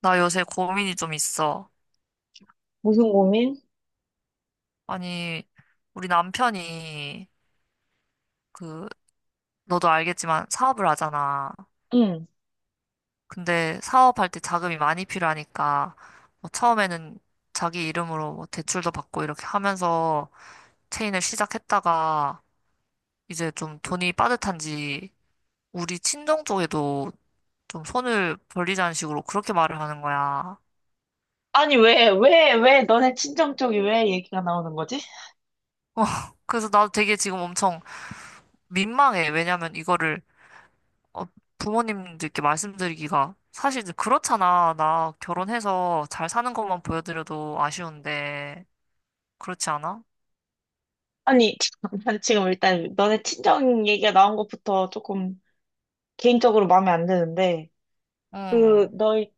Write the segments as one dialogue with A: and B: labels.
A: 나 요새 고민이 좀 있어.
B: 무슨 고민?
A: 아니, 우리 남편이, 그, 너도 알겠지만 사업을 하잖아.
B: 응.
A: 근데 사업할 때 자금이 많이 필요하니까, 뭐 처음에는 자기 이름으로 뭐 대출도 받고 이렇게 하면서 체인을 시작했다가, 이제 좀 돈이 빠듯한지, 우리 친정 쪽에도 좀 손을 벌리자는 식으로 그렇게 말을 하는 거야.
B: 아니, 왜 너네 친정 쪽이 왜 얘기가 나오는 거지?
A: 어, 그래서 나도 되게 지금 엄청 민망해. 왜냐면 이거를 어, 부모님들께 말씀드리기가 사실 이제 그렇잖아. 나 결혼해서 잘 사는 것만 보여드려도 아쉬운데 그렇지 않아?
B: 아니, 난 지금 일단 너네 친정 얘기가 나온 것부터 조금 개인적으로 마음에 안 드는데, 그,
A: 응,
B: 너희,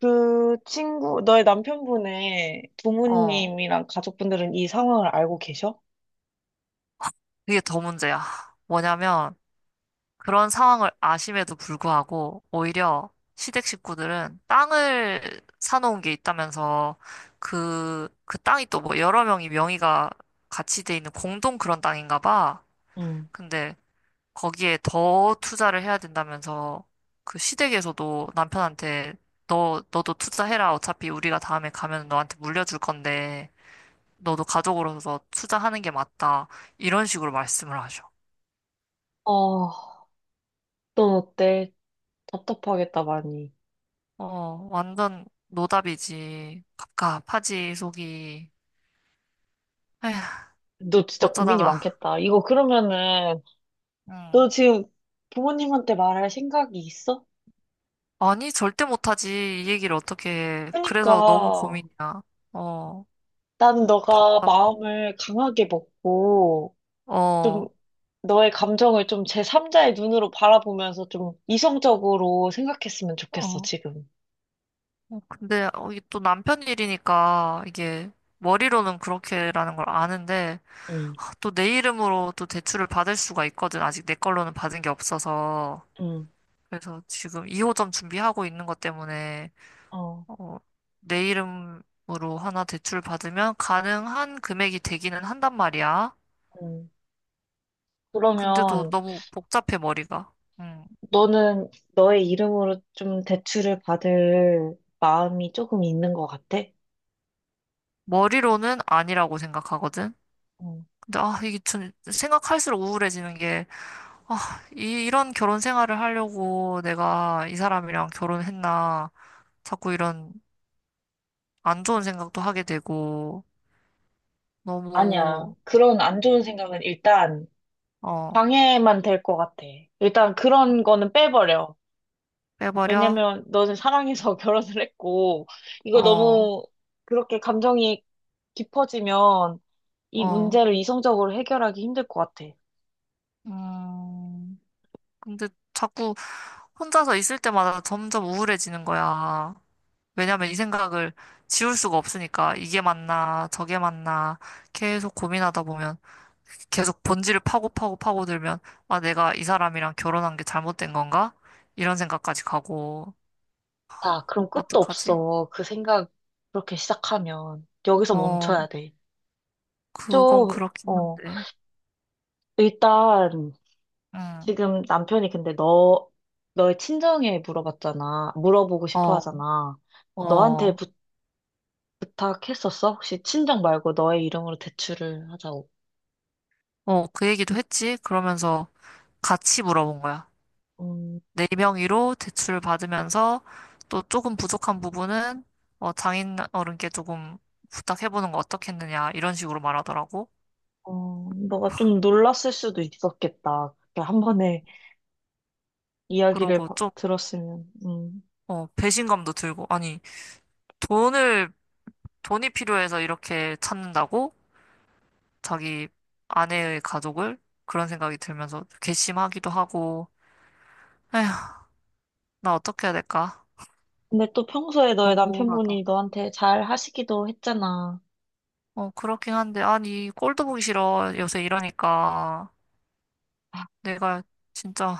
B: 그 친구, 너의 남편분의
A: 어,
B: 부모님이랑 가족분들은 이 상황을 알고 계셔?
A: 이게 더 문제야. 뭐냐면 그런 상황을 아심에도 불구하고 오히려 시댁 식구들은 땅을 사놓은 게 있다면서 그 땅이 또 뭐 여러 명이 명의가 같이 돼 있는 공동 그런 땅인가 봐.
B: 응.
A: 근데 거기에 더 투자를 해야 된다면서 그 시댁에서도 남편한테 너도 투자해라. 어차피 우리가 다음에 가면 너한테 물려줄 건데 너도 가족으로서 투자하는 게 맞다. 이런 식으로 말씀을 하셔.
B: 어, 넌 어때? 답답하겠다, 많이.
A: 어, 완전 노답이지. 갑갑하지, 속이. 에휴,
B: 너 진짜 고민이
A: 어쩌다가.
B: 많겠다. 이거 그러면은,
A: 응.
B: 너 지금 부모님한테 말할 생각이 있어?
A: 아니, 절대 못하지. 이 얘기를 어떻게 해. 그래서 너무
B: 그러니까.
A: 고민이야. 어,
B: 난 너가
A: 답답,
B: 마음을 강하게 먹고, 좀,
A: 어,
B: 너의 감정을 좀 제삼자의 눈으로 바라보면서 좀 이성적으로 생각했으면 좋겠어,
A: 어.
B: 지금.
A: 어, 근데 이게 또 남편 일이니까 이게 머리로는 그렇게라는 걸 아는데
B: 응,
A: 아, 또내 이름으로 또 대출을 받을 수가 있거든. 아직 내 걸로는 받은 게 없어서.
B: 응,
A: 그래서 지금 2호점 준비하고 있는 것 때문에
B: 어,
A: 어, 내 이름으로 하나 대출 받으면 가능한 금액이 되기는 한단 말이야.
B: 응.
A: 근데도
B: 그러면
A: 너무 복잡해 머리가. 음.
B: 너는 너의 이름으로 좀 대출을 받을 마음이 조금 있는 것 같아?
A: 머리로는 아니라고 생각하거든.
B: 응.
A: 근데 아, 이게 좀 생각할수록 우울해지는 아, 이런 결혼 생활을 하려고 내가 이 사람이랑 결혼했나. 자꾸 이런 안 좋은 생각도 하게 되고,
B: 아니야.
A: 너무,
B: 그런 안 좋은 생각은 일단
A: 어,
B: 방해만 될 것 같아. 일단 그런 거는 빼버려.
A: 빼버려?
B: 왜냐면 너는 사랑해서 결혼을 했고, 이거
A: 어,
B: 너무 그렇게 감정이 깊어지면 이
A: 어,
B: 문제를 이성적으로 해결하기 힘들 것 같아.
A: 음. 근데 자꾸 혼자서 있을 때마다 점점 우울해지는 거야. 왜냐면 이 생각을 지울 수가 없으니까. 이게 맞나, 저게 맞나. 계속 고민하다 보면. 계속 본질을 파고 파고 파고들면, 아, 내가 이 사람이랑 결혼한 게 잘못된 건가? 이런 생각까지 가고,
B: 아, 그럼 끝도
A: 어떡하지?
B: 없어. 그 생각 그렇게 시작하면 여기서
A: 어,
B: 멈춰야 돼.
A: 그건
B: 좀,
A: 그렇긴
B: 어,
A: 한데,
B: 일단
A: 응,
B: 지금 남편이 근데 너, 너의 친정에 물어봤잖아. 물어보고 싶어
A: 어,
B: 하잖아. 너한테
A: 어,
B: 부탁했었어? 혹시 친정 말고 너의 이름으로 대출을 하자고.
A: 어, 그 얘기도 했지? 그러면서 같이 물어본 거야.
B: 음,
A: 네 명의로 대출을 받으면서 또 조금 부족한 부분은 어, 장인 어른께 조금 부탁해보는 거 어떻겠느냐, 이런 식으로 말하더라고.
B: 어, 너가 좀 놀랐을 수도 있었겠다. 그렇게 한 번에 이야기를
A: 그러고 좀,
B: 들었으면. 음.
A: 어, 배신감도 들고, 아니, 돈을 돈이 필요해서 이렇게 찾는다고? 자기 아내의 가족을? 그런 생각이 들면서 괘씸하기도 하고, 에휴, 나 어떻게 해야 될까?
B: 근데 또 평소에 너의
A: 너무 우울하다.
B: 남편분이 너한테 잘 하시기도 했잖아.
A: 어, 그렇긴 한데, 아니, 꼴도 보기 싫어. 요새 이러니까. 내가 진짜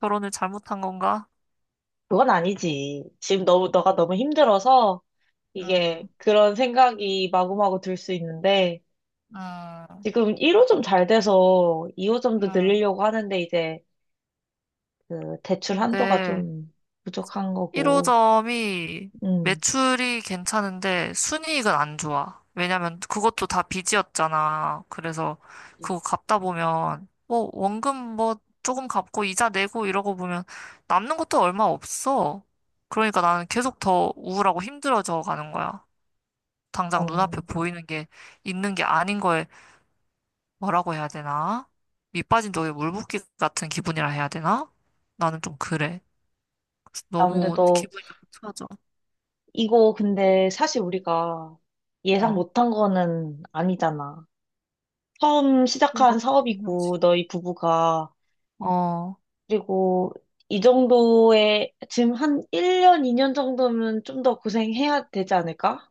A: 결혼을 잘못한 건가?
B: 그건 아니지. 지금 너무, 너가 너무 힘들어서 이게
A: 음,
B: 그런 생각이 마구마구 들 수 있는데
A: 음,
B: 지금 1호점 잘 돼서 2호점도
A: 음.
B: 늘리려고 하는데 이제 그 대출 한도가
A: 근데,
B: 좀 부족한 거고.
A: 1호점이
B: 음.
A: 매출이 괜찮은데 순이익은 안 좋아. 왜냐면 그것도 다 빚이었잖아. 그래서 그거 갚다 보면 뭐 원금 뭐 조금 갚고 이자 내고 이러고 보면 남는 것도 얼마 없어. 그러니까 나는 계속 더 우울하고 힘들어져 가는 거야. 당장
B: 어.
A: 눈앞에 보이는 게 있는 게 아닌 거에 뭐라고 해야 되나? 밑 빠진 독에 물 붓기 같은 기분이라 해야 되나? 나는 좀 그래. 그래서
B: 아, 근데
A: 너무
B: 너
A: 기분이 나빠. 져
B: 이거 근데 사실 우리가 예상 못한 거는 아니잖아. 처음 시작한
A: 그렇게 해야지.
B: 사업이고, 너희 부부가.
A: 어,
B: 그리고 이 정도의, 지금 한 1년, 2년 정도면 좀 더 고생해야 되지 않을까?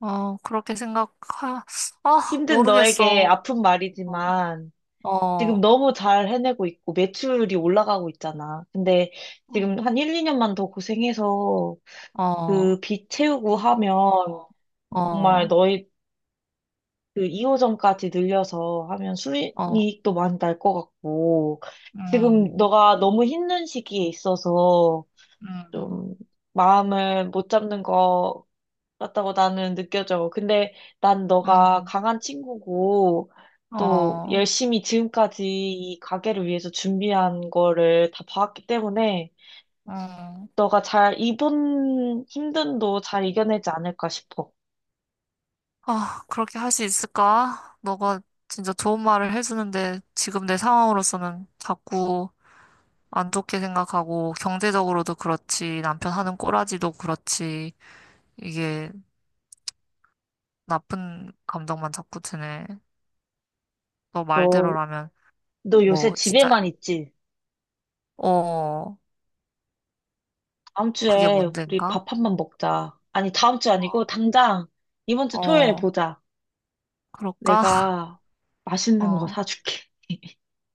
A: 어, 아,
B: 힘든 너에게
A: 모르겠어.
B: 아픈
A: 어,
B: 말이지만, 지금
A: 어,
B: 너무 잘 해내고 있고, 매출이 올라가고 있잖아. 근데
A: 어,
B: 지금 한 1, 2년만 더 고생해서
A: 어,
B: 그 빚 채우고 하면, 정말
A: 어,
B: 너희 그 2호점까지 늘려서 하면
A: 어,
B: 수익도 많이 날 것 같고, 지금
A: 음,
B: 너가 너무 힘든 시기에 있어서
A: 음,
B: 좀 마음을 못 잡는 것 같다고 나는 느껴져. 근데 난 너가
A: 음,
B: 강한 친구고, 또
A: 어,
B: 열심히 지금까지 이 가게를 위해서 준비한 거를 다 봐왔기 때문에,
A: 음.
B: 너가 잘, 이번 힘듦도 잘 이겨내지 않을까 싶어.
A: 아, 그렇게 할 수 있을까? 너가 진짜 좋은 말을 해주는데 지금 내 상황으로서는 자꾸 안 좋게 생각하고 경제적으로도 그렇지, 남편 하는 꼬라지도 그렇지, 이게 나쁜 감정만 자꾸 드네. 너
B: 너,
A: 말대로라면.
B: 너 요새
A: 뭐, 진짜,
B: 집에만 있지?
A: 어,
B: 다음
A: 그게
B: 주에 우리
A: 문제인가?
B: 밥 한 번 먹자. 아니, 다음 주 아니고
A: 어,
B: 당장 이번 주 토요일에
A: 어,
B: 보자.
A: 그럴까?
B: 내가 맛있는 거
A: 어,
B: 사줄게.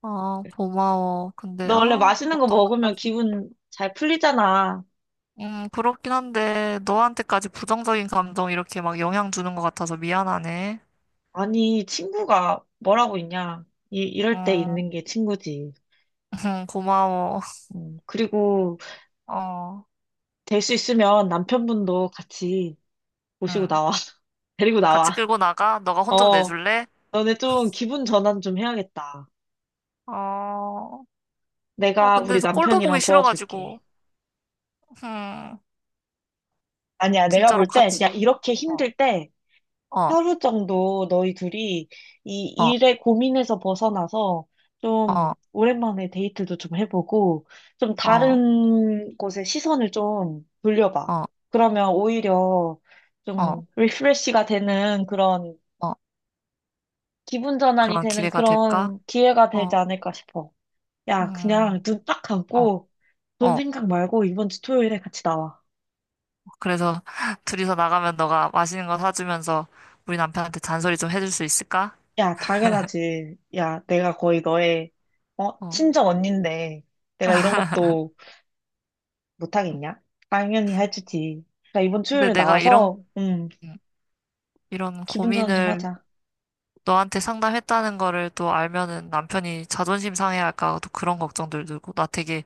A: 아, 고마워. 근데,
B: 너 원래
A: 아,
B: 맛있는 거
A: 너또
B: 먹으면
A: 만나서.
B: 기분 잘 풀리잖아.
A: 그렇긴 한데, 너한테까지 부정적인 감정 이렇게 막 영향 주는 것 같아서 미안하네.
B: 아니, 친구가 뭐라고 있냐. 이럴 때
A: 음,
B: 있는 게 친구지.
A: 고마워.
B: 그리고
A: 어,
B: 될 수 있으면 남편분도 같이 모시고
A: 응
B: 나와. 데리고
A: 같이
B: 나와.
A: 끌고 나가? 너가 혼 좀
B: 어,
A: 내줄래?
B: 너네 좀 기분 전환 좀 해야겠다.
A: 어, 아,
B: 내가
A: 근데
B: 우리
A: 저 꼴도
B: 남편이랑
A: 보기
B: 도와줄게.
A: 싫어가지고, 음,
B: 아니야, 내가
A: 진짜로
B: 볼 땐, 야,
A: 같이.
B: 이렇게
A: 어,
B: 힘들 때
A: 어,
B: 하루 정도 너희 둘이 이
A: 어,
B: 일의 고민에서 벗어나서 좀
A: 어,
B: 오랜만에 데이트도 좀 해보고 좀
A: 어,
B: 다른 곳에 시선을 좀 돌려봐.
A: 어,
B: 그러면 오히려
A: 어.
B: 좀 리프레시가 되는 그런
A: 어.
B: 기분 전환이
A: 그런
B: 되는
A: 기회가 될까?
B: 그런 기회가 되지
A: 어,
B: 않을까 싶어. 야,
A: 음,
B: 그냥 눈 딱
A: 어,
B: 감고 돈
A: 어.
B: 생각 말고 이번 주 토요일에 같이 나와.
A: 그래서 둘이서 나가면 너가 맛있는 거 사주면서 우리 남편한테 잔소리 좀 해줄 수 있을까?
B: 야, 당연하지. 야, 내가 거의 너의, 어,
A: 어.
B: 친정 언니인데, 내가 이런 것도 못하겠냐? 당연히 해주지. 나 이번
A: 근데
B: 토요일에
A: 내가 이런,
B: 나와서,
A: 음, 이런
B: 기분 전환 좀
A: 고민을
B: 하자.
A: 너한테 상담했다는 거를 또 알면은 남편이 자존심 상해할까 또 그런 걱정들 들고 나 되게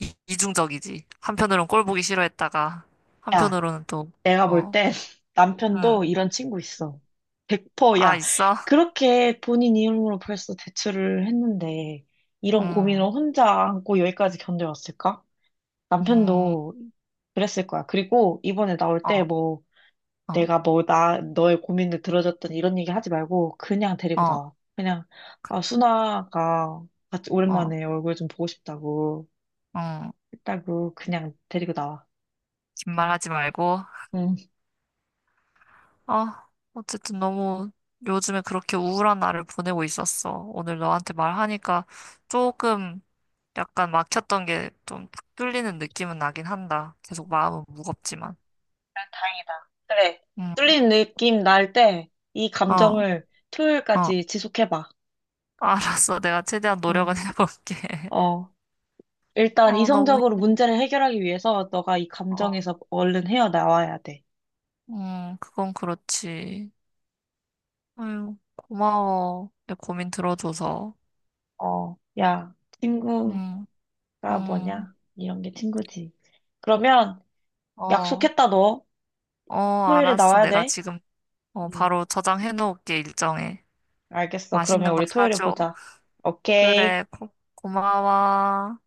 A: 이중적이지. 한편으론 꼴 보기 싫어했다가
B: 야,
A: 한편으로는 또,
B: 내가 볼
A: 어,
B: 땐
A: 응,
B: 남편도 이런 친구 있어. 100%,
A: 아,
B: 야,
A: 있어?
B: 그렇게 본인 이름으로 벌써 대출을 했는데, 이런 고민을
A: 응
B: 혼자 안고 여기까지 견뎌왔을까?
A: 음,
B: 남편도 그랬을 거야. 그리고 이번에 나올 때
A: 어,
B: 뭐,
A: 어,
B: 내가 뭐, 나, 너의 고민을 들어줬더니 이런 얘기 하지 말고, 그냥 데리고
A: 어,
B: 나와. 그냥, 아,
A: 그냥,
B: 순아가 같이
A: 어,
B: 오랜만에 얼굴 좀 보고 싶다고
A: 응.
B: 했다고, 그냥 데리고 나와.
A: 긴 말하지 말고.
B: 응.
A: 아, 어쨌든 너무 요즘에 그렇게 우울한 날을 보내고 있었어. 오늘 너한테 말하니까 조금 약간 막혔던 게 좀 탁 뚫리는 느낌은 나긴 한다. 계속 마음은 무겁지만.
B: 난 다행이다. 그래.
A: 응,
B: 뚫린 느낌 날 때, 이
A: 어,
B: 감정을
A: 어.
B: 토요일까지 지속해봐.
A: 알았어. 내가 최대한
B: 어,
A: 노력은 해볼게.
B: 어. 일단
A: 어, 너무
B: 이성적으로
A: 힘든데.
B: 문제를 해결하기 위해서 너가 이
A: 어,
B: 감정에서 얼른 헤어나와야 돼.
A: 그건 그렇지. 아유, 고마워. 내 고민 들어줘서.
B: 어, 야, 친구가
A: 응, 응,
B: 뭐냐? 이런 게 친구지. 그러면,
A: 어,
B: 약속했다, 너.
A: 어,
B: 토요일에
A: 알았어.
B: 나와야
A: 내가
B: 돼.
A: 지금 어,
B: 응.
A: 바로 저장해 놓을게, 일정에.
B: 알겠어. 그러면
A: 맛있는 거
B: 우리 토요일에
A: 사줘.
B: 보자.
A: 그래,
B: 오케이.
A: 고마워.